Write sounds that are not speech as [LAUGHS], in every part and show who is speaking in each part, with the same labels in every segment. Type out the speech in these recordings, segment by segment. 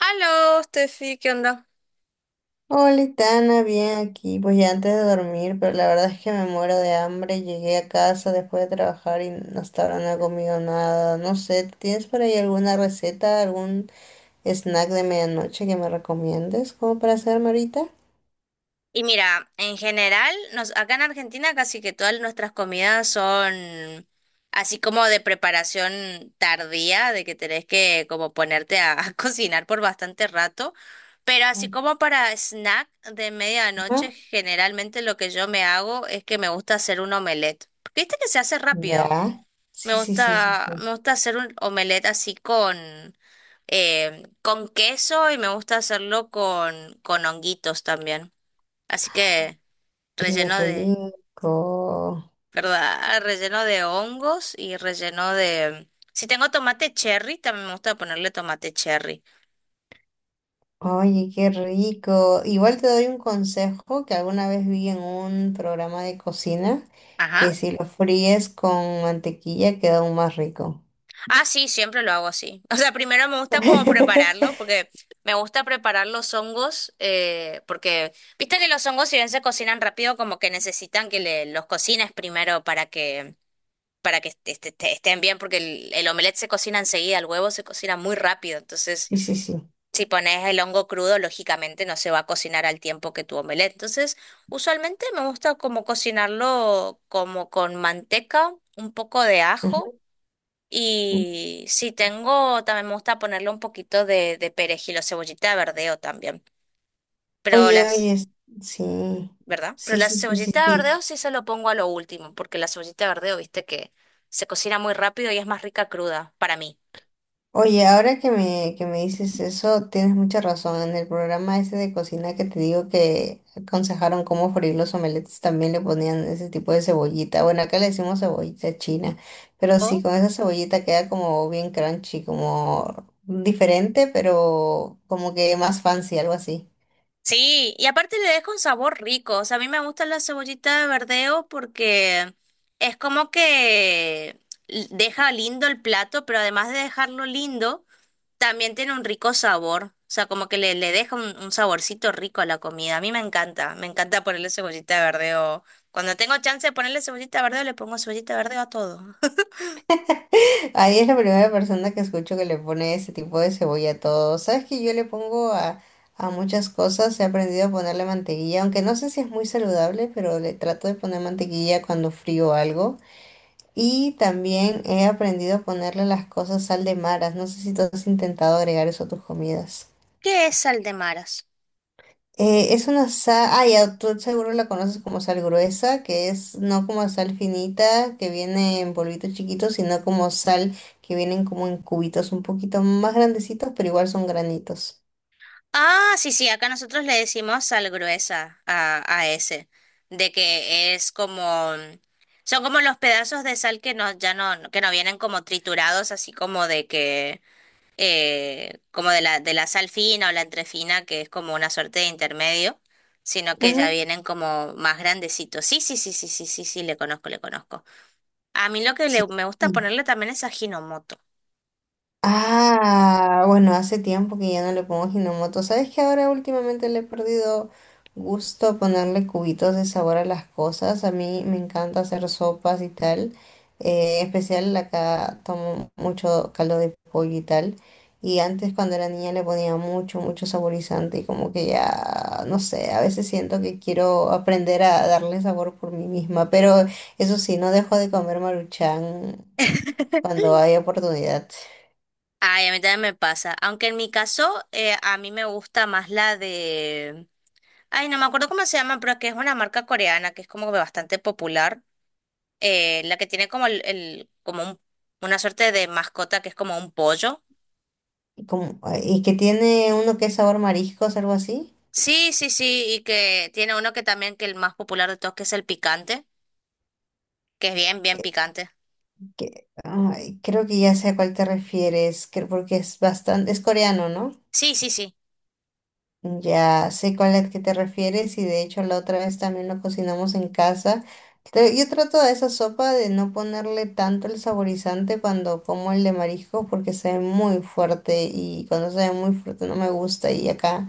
Speaker 1: Aló, Steffi, ¿qué onda?
Speaker 2: Hola, Tana, bien aquí. Pues ya antes de dormir, pero la verdad es que me muero de hambre. Llegué a casa después de trabajar y hasta ahora no he comido nada. No sé, ¿tienes por ahí alguna receta, algún snack de medianoche que me recomiendes como para hacerme ahorita?
Speaker 1: Y mira, en general, acá en Argentina casi que todas nuestras comidas son así como de preparación tardía, de que tenés que como ponerte a, [LAUGHS] a cocinar por bastante rato, pero así como para snack de medianoche,
Speaker 2: Ajá.
Speaker 1: generalmente lo que yo me hago es que me gusta hacer un omelette, porque viste que se hace rápido.
Speaker 2: Ya.
Speaker 1: Me
Speaker 2: Sí, sí, sí, sí, sí.
Speaker 1: gusta, me gusta hacer un omelette así con queso y me gusta hacerlo con honguitos también. Así que
Speaker 2: Qué
Speaker 1: relleno de,
Speaker 2: rico.
Speaker 1: ¿verdad? [LAUGHS] Relleno de hongos y relleno de... Si tengo tomate cherry, también me gusta ponerle tomate cherry.
Speaker 2: Oye, qué rico. Igual te doy un consejo que alguna vez vi en un programa de cocina,
Speaker 1: Ajá.
Speaker 2: que si lo fríes con mantequilla queda aún más rico.
Speaker 1: Ah, sí, siempre lo hago así. O sea, primero me gusta como prepararlo,
Speaker 2: [LAUGHS]
Speaker 1: porque me gusta preparar los hongos, porque viste que los hongos si bien se cocinan rápido, como que necesitan que los cocines primero para que estén bien, porque el omelette se cocina enseguida, el huevo se cocina muy rápido. Entonces,
Speaker 2: Sí, sí, sí.
Speaker 1: si pones el hongo crudo, lógicamente no se va a cocinar al tiempo que tu omelette. Entonces, usualmente me gusta como cocinarlo como con manteca, un poco de ajo
Speaker 2: Ujú.
Speaker 1: y si tengo, también me gusta ponerle un poquito de perejil o cebollita de verdeo también. Pero
Speaker 2: Oye, oye,
Speaker 1: las,
Speaker 2: sí.
Speaker 1: ¿verdad? Pero
Speaker 2: Sí,
Speaker 1: la
Speaker 2: sí, sí, sí,
Speaker 1: cebollita de
Speaker 2: sí.
Speaker 1: verdeo sí se lo pongo a lo último, porque la cebollita de verdeo, viste que se cocina muy rápido y es más rica cruda para mí.
Speaker 2: Oye, ahora que me dices eso, tienes mucha razón. En el programa ese de cocina que te digo que aconsejaron cómo freír los omeletes, también le ponían ese tipo de cebollita. Bueno, acá le decimos cebollita china, pero sí,
Speaker 1: Oh,
Speaker 2: con esa cebollita queda como bien crunchy, como diferente, pero como que más fancy, algo así.
Speaker 1: sí, y aparte le deja un sabor rico. O sea, a mí me gusta la cebollita de verdeo porque es como que deja lindo el plato, pero además de dejarlo lindo también tiene un rico sabor, o sea, como que le deja un saborcito rico a la comida. A mí me encanta ponerle cebollita de verdeo. Cuando tengo chance de ponerle cebollita de verdeo, le pongo cebollita de verdeo a todo.
Speaker 2: Ahí es la primera persona que escucho que le pone ese tipo de cebolla a todo. Sabes que yo le pongo a muchas cosas, he aprendido a ponerle mantequilla, aunque no sé si es muy saludable, pero le trato de poner mantequilla cuando frío algo. Y también he aprendido a ponerle a las cosas sal de maras. No sé si tú has intentado agregar eso a tus comidas.
Speaker 1: [LAUGHS] ¿Qué es sal de maras?
Speaker 2: Es una sal, ah, ya, tú seguro la conoces como sal gruesa, que es no como sal finita, que viene en polvitos chiquitos, sino como sal que vienen como en cubitos un poquito más grandecitos, pero igual son granitos.
Speaker 1: Ah, sí, sí, acá nosotros le decimos sal gruesa a ese, de que es como, son como los pedazos de sal que no, ya no, que no vienen como triturados, así como de que como de la sal fina o la entrefina, que es como una suerte de intermedio, sino que ya
Speaker 2: Ujú.
Speaker 1: vienen como más grandecitos. Sí, sí, sí, sí, sí, sí, sí, le conozco, le conozco. A mí lo que
Speaker 2: Sí.
Speaker 1: me gusta ponerle también es ajinomoto.
Speaker 2: Ah, bueno, hace tiempo que ya no le pongo ginomoto. ¿Sabes que ahora últimamente le he perdido gusto a ponerle cubitos de sabor a las cosas? A mí me encanta hacer sopas y tal. En especial acá tomo mucho caldo de pollo y tal. Y antes cuando era niña le ponía mucho, mucho saborizante y como que ya, no sé, a veces siento que quiero aprender a darle sabor por mí misma. Pero eso sí, no dejo de comer Maruchan cuando hay oportunidad.
Speaker 1: Ay, a mí también me pasa, aunque en mi caso a mí me gusta más la de... Ay, no me acuerdo cómo se llama, pero que es una marca coreana que es como bastante popular, la que tiene como el, como una suerte de mascota que es como un pollo.
Speaker 2: Como y que tiene uno que es sabor mariscos, algo así.
Speaker 1: Sí, sí, sí, y que tiene uno que también que el más popular de todos que es el picante, que es bien, bien
Speaker 2: Que,
Speaker 1: picante.
Speaker 2: ay, creo que ya sé a cuál te refieres, porque es bastante, es coreano, ¿no?
Speaker 1: Sí, sí, sí,
Speaker 2: Ya sé cuál es que te refieres y de hecho la otra vez también lo cocinamos en casa. Yo trato a esa sopa de no ponerle tanto el saborizante cuando como el de marisco porque se ve muy fuerte y cuando se ve muy fuerte no me gusta y acá,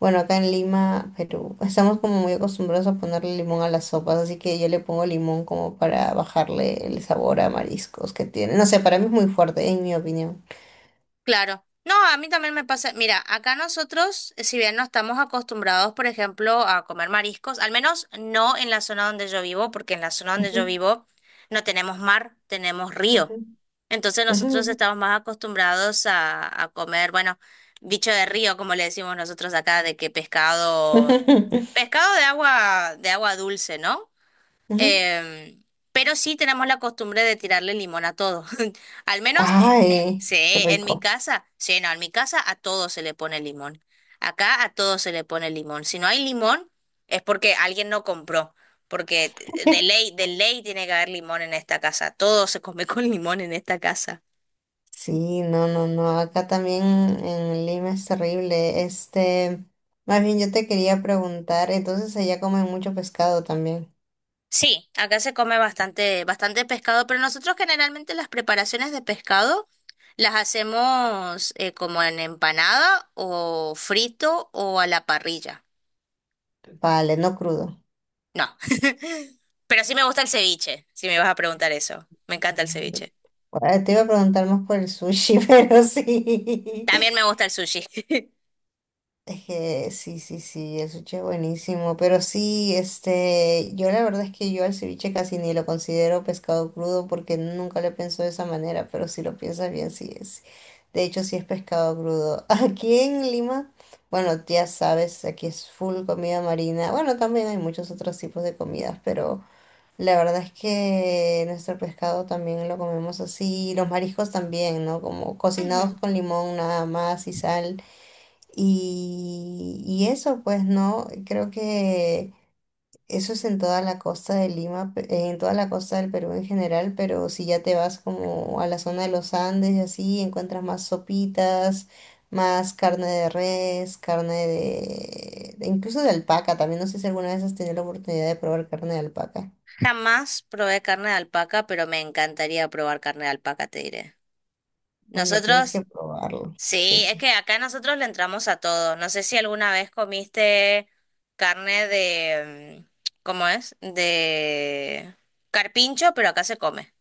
Speaker 2: bueno, acá en Lima, Perú, estamos como muy acostumbrados a ponerle limón a las sopas, así que yo le pongo limón como para bajarle el sabor a mariscos que tiene. No sé, para mí es muy fuerte, en mi opinión.
Speaker 1: claro. No, a mí también me pasa, mira, acá nosotros, si bien no estamos acostumbrados, por ejemplo, a comer mariscos, al menos no en la zona donde yo vivo, porque en la zona donde
Speaker 2: Ujú,
Speaker 1: yo vivo no tenemos mar, tenemos río.
Speaker 2: ujú,
Speaker 1: Entonces
Speaker 2: ujú,
Speaker 1: nosotros estamos más acostumbrados a comer, bueno, bicho de río, como le decimos nosotros acá, de que pescado,
Speaker 2: ujú, [LAUGHS]
Speaker 1: pescado de agua dulce, ¿no?
Speaker 2: ujú.
Speaker 1: Em, pero sí tenemos la costumbre de tirarle limón a todo. [LAUGHS] Al menos,
Speaker 2: Ay,
Speaker 1: sí,
Speaker 2: qué
Speaker 1: en mi
Speaker 2: rico.
Speaker 1: casa, sí, no, en mi casa a todo se le pone limón. Acá a todo se le pone limón. Si no hay limón, es porque alguien no compró. Porque
Speaker 2: [LAUGHS]
Speaker 1: de ley tiene que haber limón en esta casa. Todo se come [LAUGHS] con limón en esta casa.
Speaker 2: Sí, no, no, no. Acá también en Lima es terrible. Este, más bien yo te quería preguntar, entonces allá comen mucho pescado también.
Speaker 1: Sí, acá se come bastante, bastante pescado, pero nosotros generalmente las preparaciones de pescado las hacemos como en empanada o frito o a la parrilla.
Speaker 2: Vale, no crudo.
Speaker 1: No, [LAUGHS] pero sí me gusta el ceviche, si me vas a preguntar eso. Me encanta el ceviche.
Speaker 2: Te iba a preguntar más por el sushi, [LAUGHS] pero sí.
Speaker 1: También me gusta el sushi. [LAUGHS]
Speaker 2: Es que sí, sí, sí, el ceviche es buenísimo, pero sí, este, yo la verdad es que yo al ceviche casi ni lo considero pescado crudo porque nunca lo pienso de esa manera, pero si lo piensas bien, sí es. De hecho, sí es pescado crudo. [LAUGHS] Aquí en Lima, bueno, ya sabes, aquí es full comida marina. Bueno, también hay muchos otros tipos de comidas, pero la verdad es que nuestro pescado también lo comemos así, los mariscos también, ¿no? Como cocinados
Speaker 1: Ujú.
Speaker 2: con limón nada más y sal. Y eso, pues no, creo que eso es en toda la costa de Lima, en toda la costa del Perú en general, pero si ya te vas como a la zona de los Andes y así, encuentras más sopitas, más carne de res, carne incluso de alpaca, también no sé si alguna vez has tenido la oportunidad de probar carne de alpaca.
Speaker 1: Jamás probé carne de alpaca, pero me encantaría probar carne de alpaca, te diré.
Speaker 2: Oye, tienes que
Speaker 1: Nosotros
Speaker 2: probarlo, sí,
Speaker 1: sí, es
Speaker 2: sí.
Speaker 1: que acá nosotros le entramos a todo. No sé si alguna vez comiste carne de, ¿cómo es? De carpincho, pero acá se come.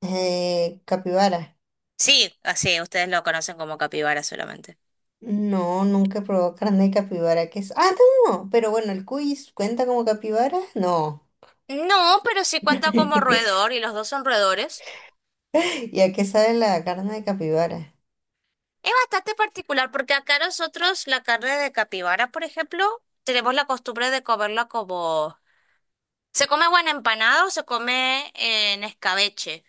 Speaker 2: Capibara.
Speaker 1: Sí, así, ustedes lo conocen como capibara solamente.
Speaker 2: No, nunca he probado carne de capibara, que es... Ah, no, pero bueno, el cuis cuenta como capibara, no.
Speaker 1: No, pero sí cuenta como
Speaker 2: [LAUGHS]
Speaker 1: roedor y los dos son roedores.
Speaker 2: ¿Y a qué sabe la carne de capibara?
Speaker 1: Es bastante particular porque acá nosotros la carne de capibara, por ejemplo, tenemos la costumbre de comerla como... Se come o en empanado o se come en escabeche.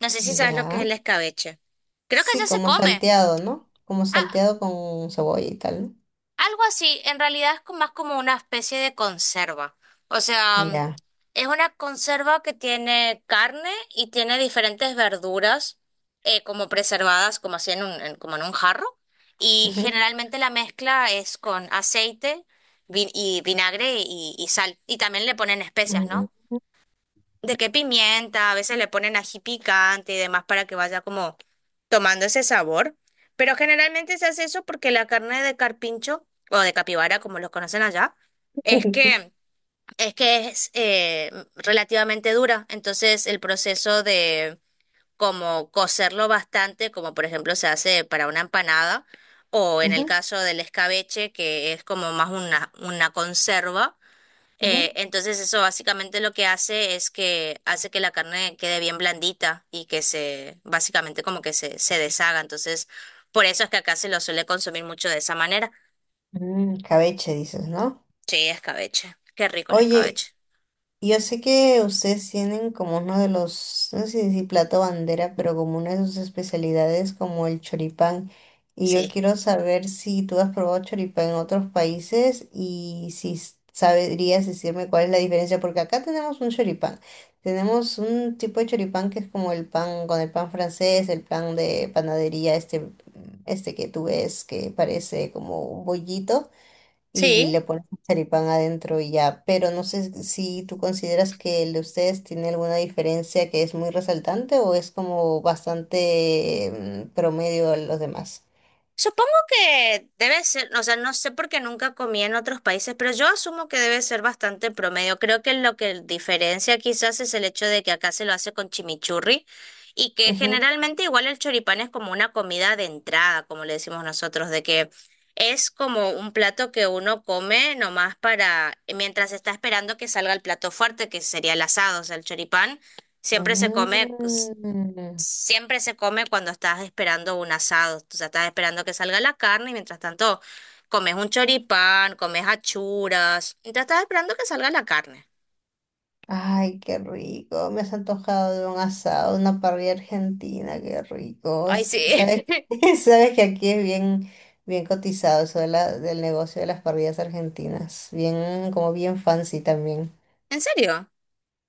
Speaker 1: No sé si sabes lo que es
Speaker 2: Ya.
Speaker 1: el escabeche. Creo que ya
Speaker 2: Sí,
Speaker 1: se
Speaker 2: como
Speaker 1: come.
Speaker 2: salteado, ¿no? Como
Speaker 1: Ah,
Speaker 2: salteado con cebolla y tal,
Speaker 1: algo así, en realidad más como una especie de conserva. O sea,
Speaker 2: ¿no? Ya.
Speaker 1: es una conserva que tiene carne y tiene diferentes verduras como preservadas, como así en un, como en un jarro. Y
Speaker 2: Ujú.
Speaker 1: generalmente la mezcla es con aceite y vinagre y sal. Y también le ponen especias,
Speaker 2: Mm.
Speaker 1: ¿no? De qué pimienta, a veces le ponen ají picante y demás para que vaya como tomando ese sabor. Pero generalmente se hace eso porque la carne de carpincho o de capibara, como los conocen allá, es que
Speaker 2: [LAUGHS]
Speaker 1: es relativamente dura. Entonces el proceso de como cocerlo bastante, como por ejemplo se hace para una empanada, o en el
Speaker 2: Ujú,
Speaker 1: caso del escabeche, que es como más una conserva.
Speaker 2: ujú.
Speaker 1: Entonces eso básicamente lo que hace es que hace que la carne quede bien blandita y que se, básicamente como que se deshaga. Entonces, por eso es que acá se lo suele consumir mucho de esa manera.
Speaker 2: Mm, Cabeche, dices, ¿no?
Speaker 1: Sí, escabeche. Qué rico el
Speaker 2: Oye,
Speaker 1: escabeche.
Speaker 2: yo sé que ustedes tienen como uno de los, no sé si plato bandera, pero como una de sus especialidades como el choripán. Y yo
Speaker 1: Sí.
Speaker 2: quiero saber si tú has probado choripán en otros países y si sabrías decirme cuál es la diferencia, porque acá tenemos un choripán. Tenemos un tipo de choripán que es como el pan, con el pan francés, el pan de panadería, este que tú ves que parece como un bollito y
Speaker 1: Sí.
Speaker 2: le pones un charipán adentro y ya. Pero no sé si tú consideras que el de ustedes tiene alguna diferencia que es muy resaltante o es como bastante promedio a los demás.
Speaker 1: Supongo que debe ser, o sea, no sé porque nunca comí en otros países, pero yo asumo que debe ser bastante promedio. Creo que lo que diferencia quizás es el hecho de que acá se lo hace con chimichurri y que
Speaker 2: Ujú.
Speaker 1: generalmente igual el choripán es como una comida de entrada, como le decimos nosotros, de que es como un plato que uno come nomás para, mientras está esperando que salga el plato fuerte, que sería el asado, o sea, el choripán. Siempre se come
Speaker 2: Mm.
Speaker 1: siempre se come cuando estás esperando un asado, o sea, estás esperando que salga la carne y mientras tanto comes un choripán, comes achuras, mientras estás esperando que salga la carne.
Speaker 2: Ay, qué rico. Me has antojado de un asado, una parrilla argentina, qué rico.
Speaker 1: Ay, sí.
Speaker 2: Sabes,
Speaker 1: [LAUGHS]
Speaker 2: [LAUGHS] sabes que aquí es bien, bien cotizado eso de del negocio de las parrillas argentinas. Bien, como bien fancy también.
Speaker 1: ¿En serio?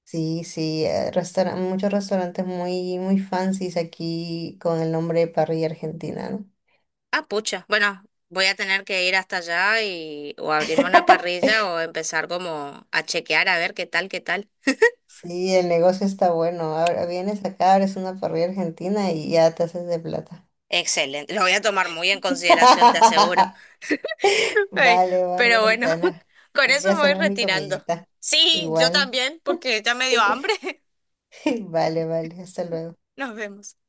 Speaker 2: Sí, sí, muchos restaurantes muy, muy fancies aquí con el nombre de parrilla argentina, ¿no?
Speaker 1: Ah, pucha. Bueno, voy a tener que ir hasta allá y o abrirme una
Speaker 2: [LAUGHS]
Speaker 1: parrilla o empezar como a chequear a ver qué tal, qué tal.
Speaker 2: Sí, el negocio está bueno. Ahora vienes acá, abres una parrilla argentina y ya te haces de plata.
Speaker 1: Excelente. Lo voy a tomar muy en consideración, te aseguro.
Speaker 2: [LAUGHS]
Speaker 1: [LAUGHS] Ay,
Speaker 2: Vale, vale,
Speaker 1: pero bueno, [LAUGHS]
Speaker 2: Aitana.
Speaker 1: con
Speaker 2: Iré
Speaker 1: eso
Speaker 2: a
Speaker 1: me voy
Speaker 2: hacerme mi
Speaker 1: retirando.
Speaker 2: comidita.
Speaker 1: Sí, yo
Speaker 2: Igual.
Speaker 1: también, porque ya me dio hambre. [LAUGHS]
Speaker 2: [LAUGHS] Vale, vale. Hasta luego.
Speaker 1: Nos vemos.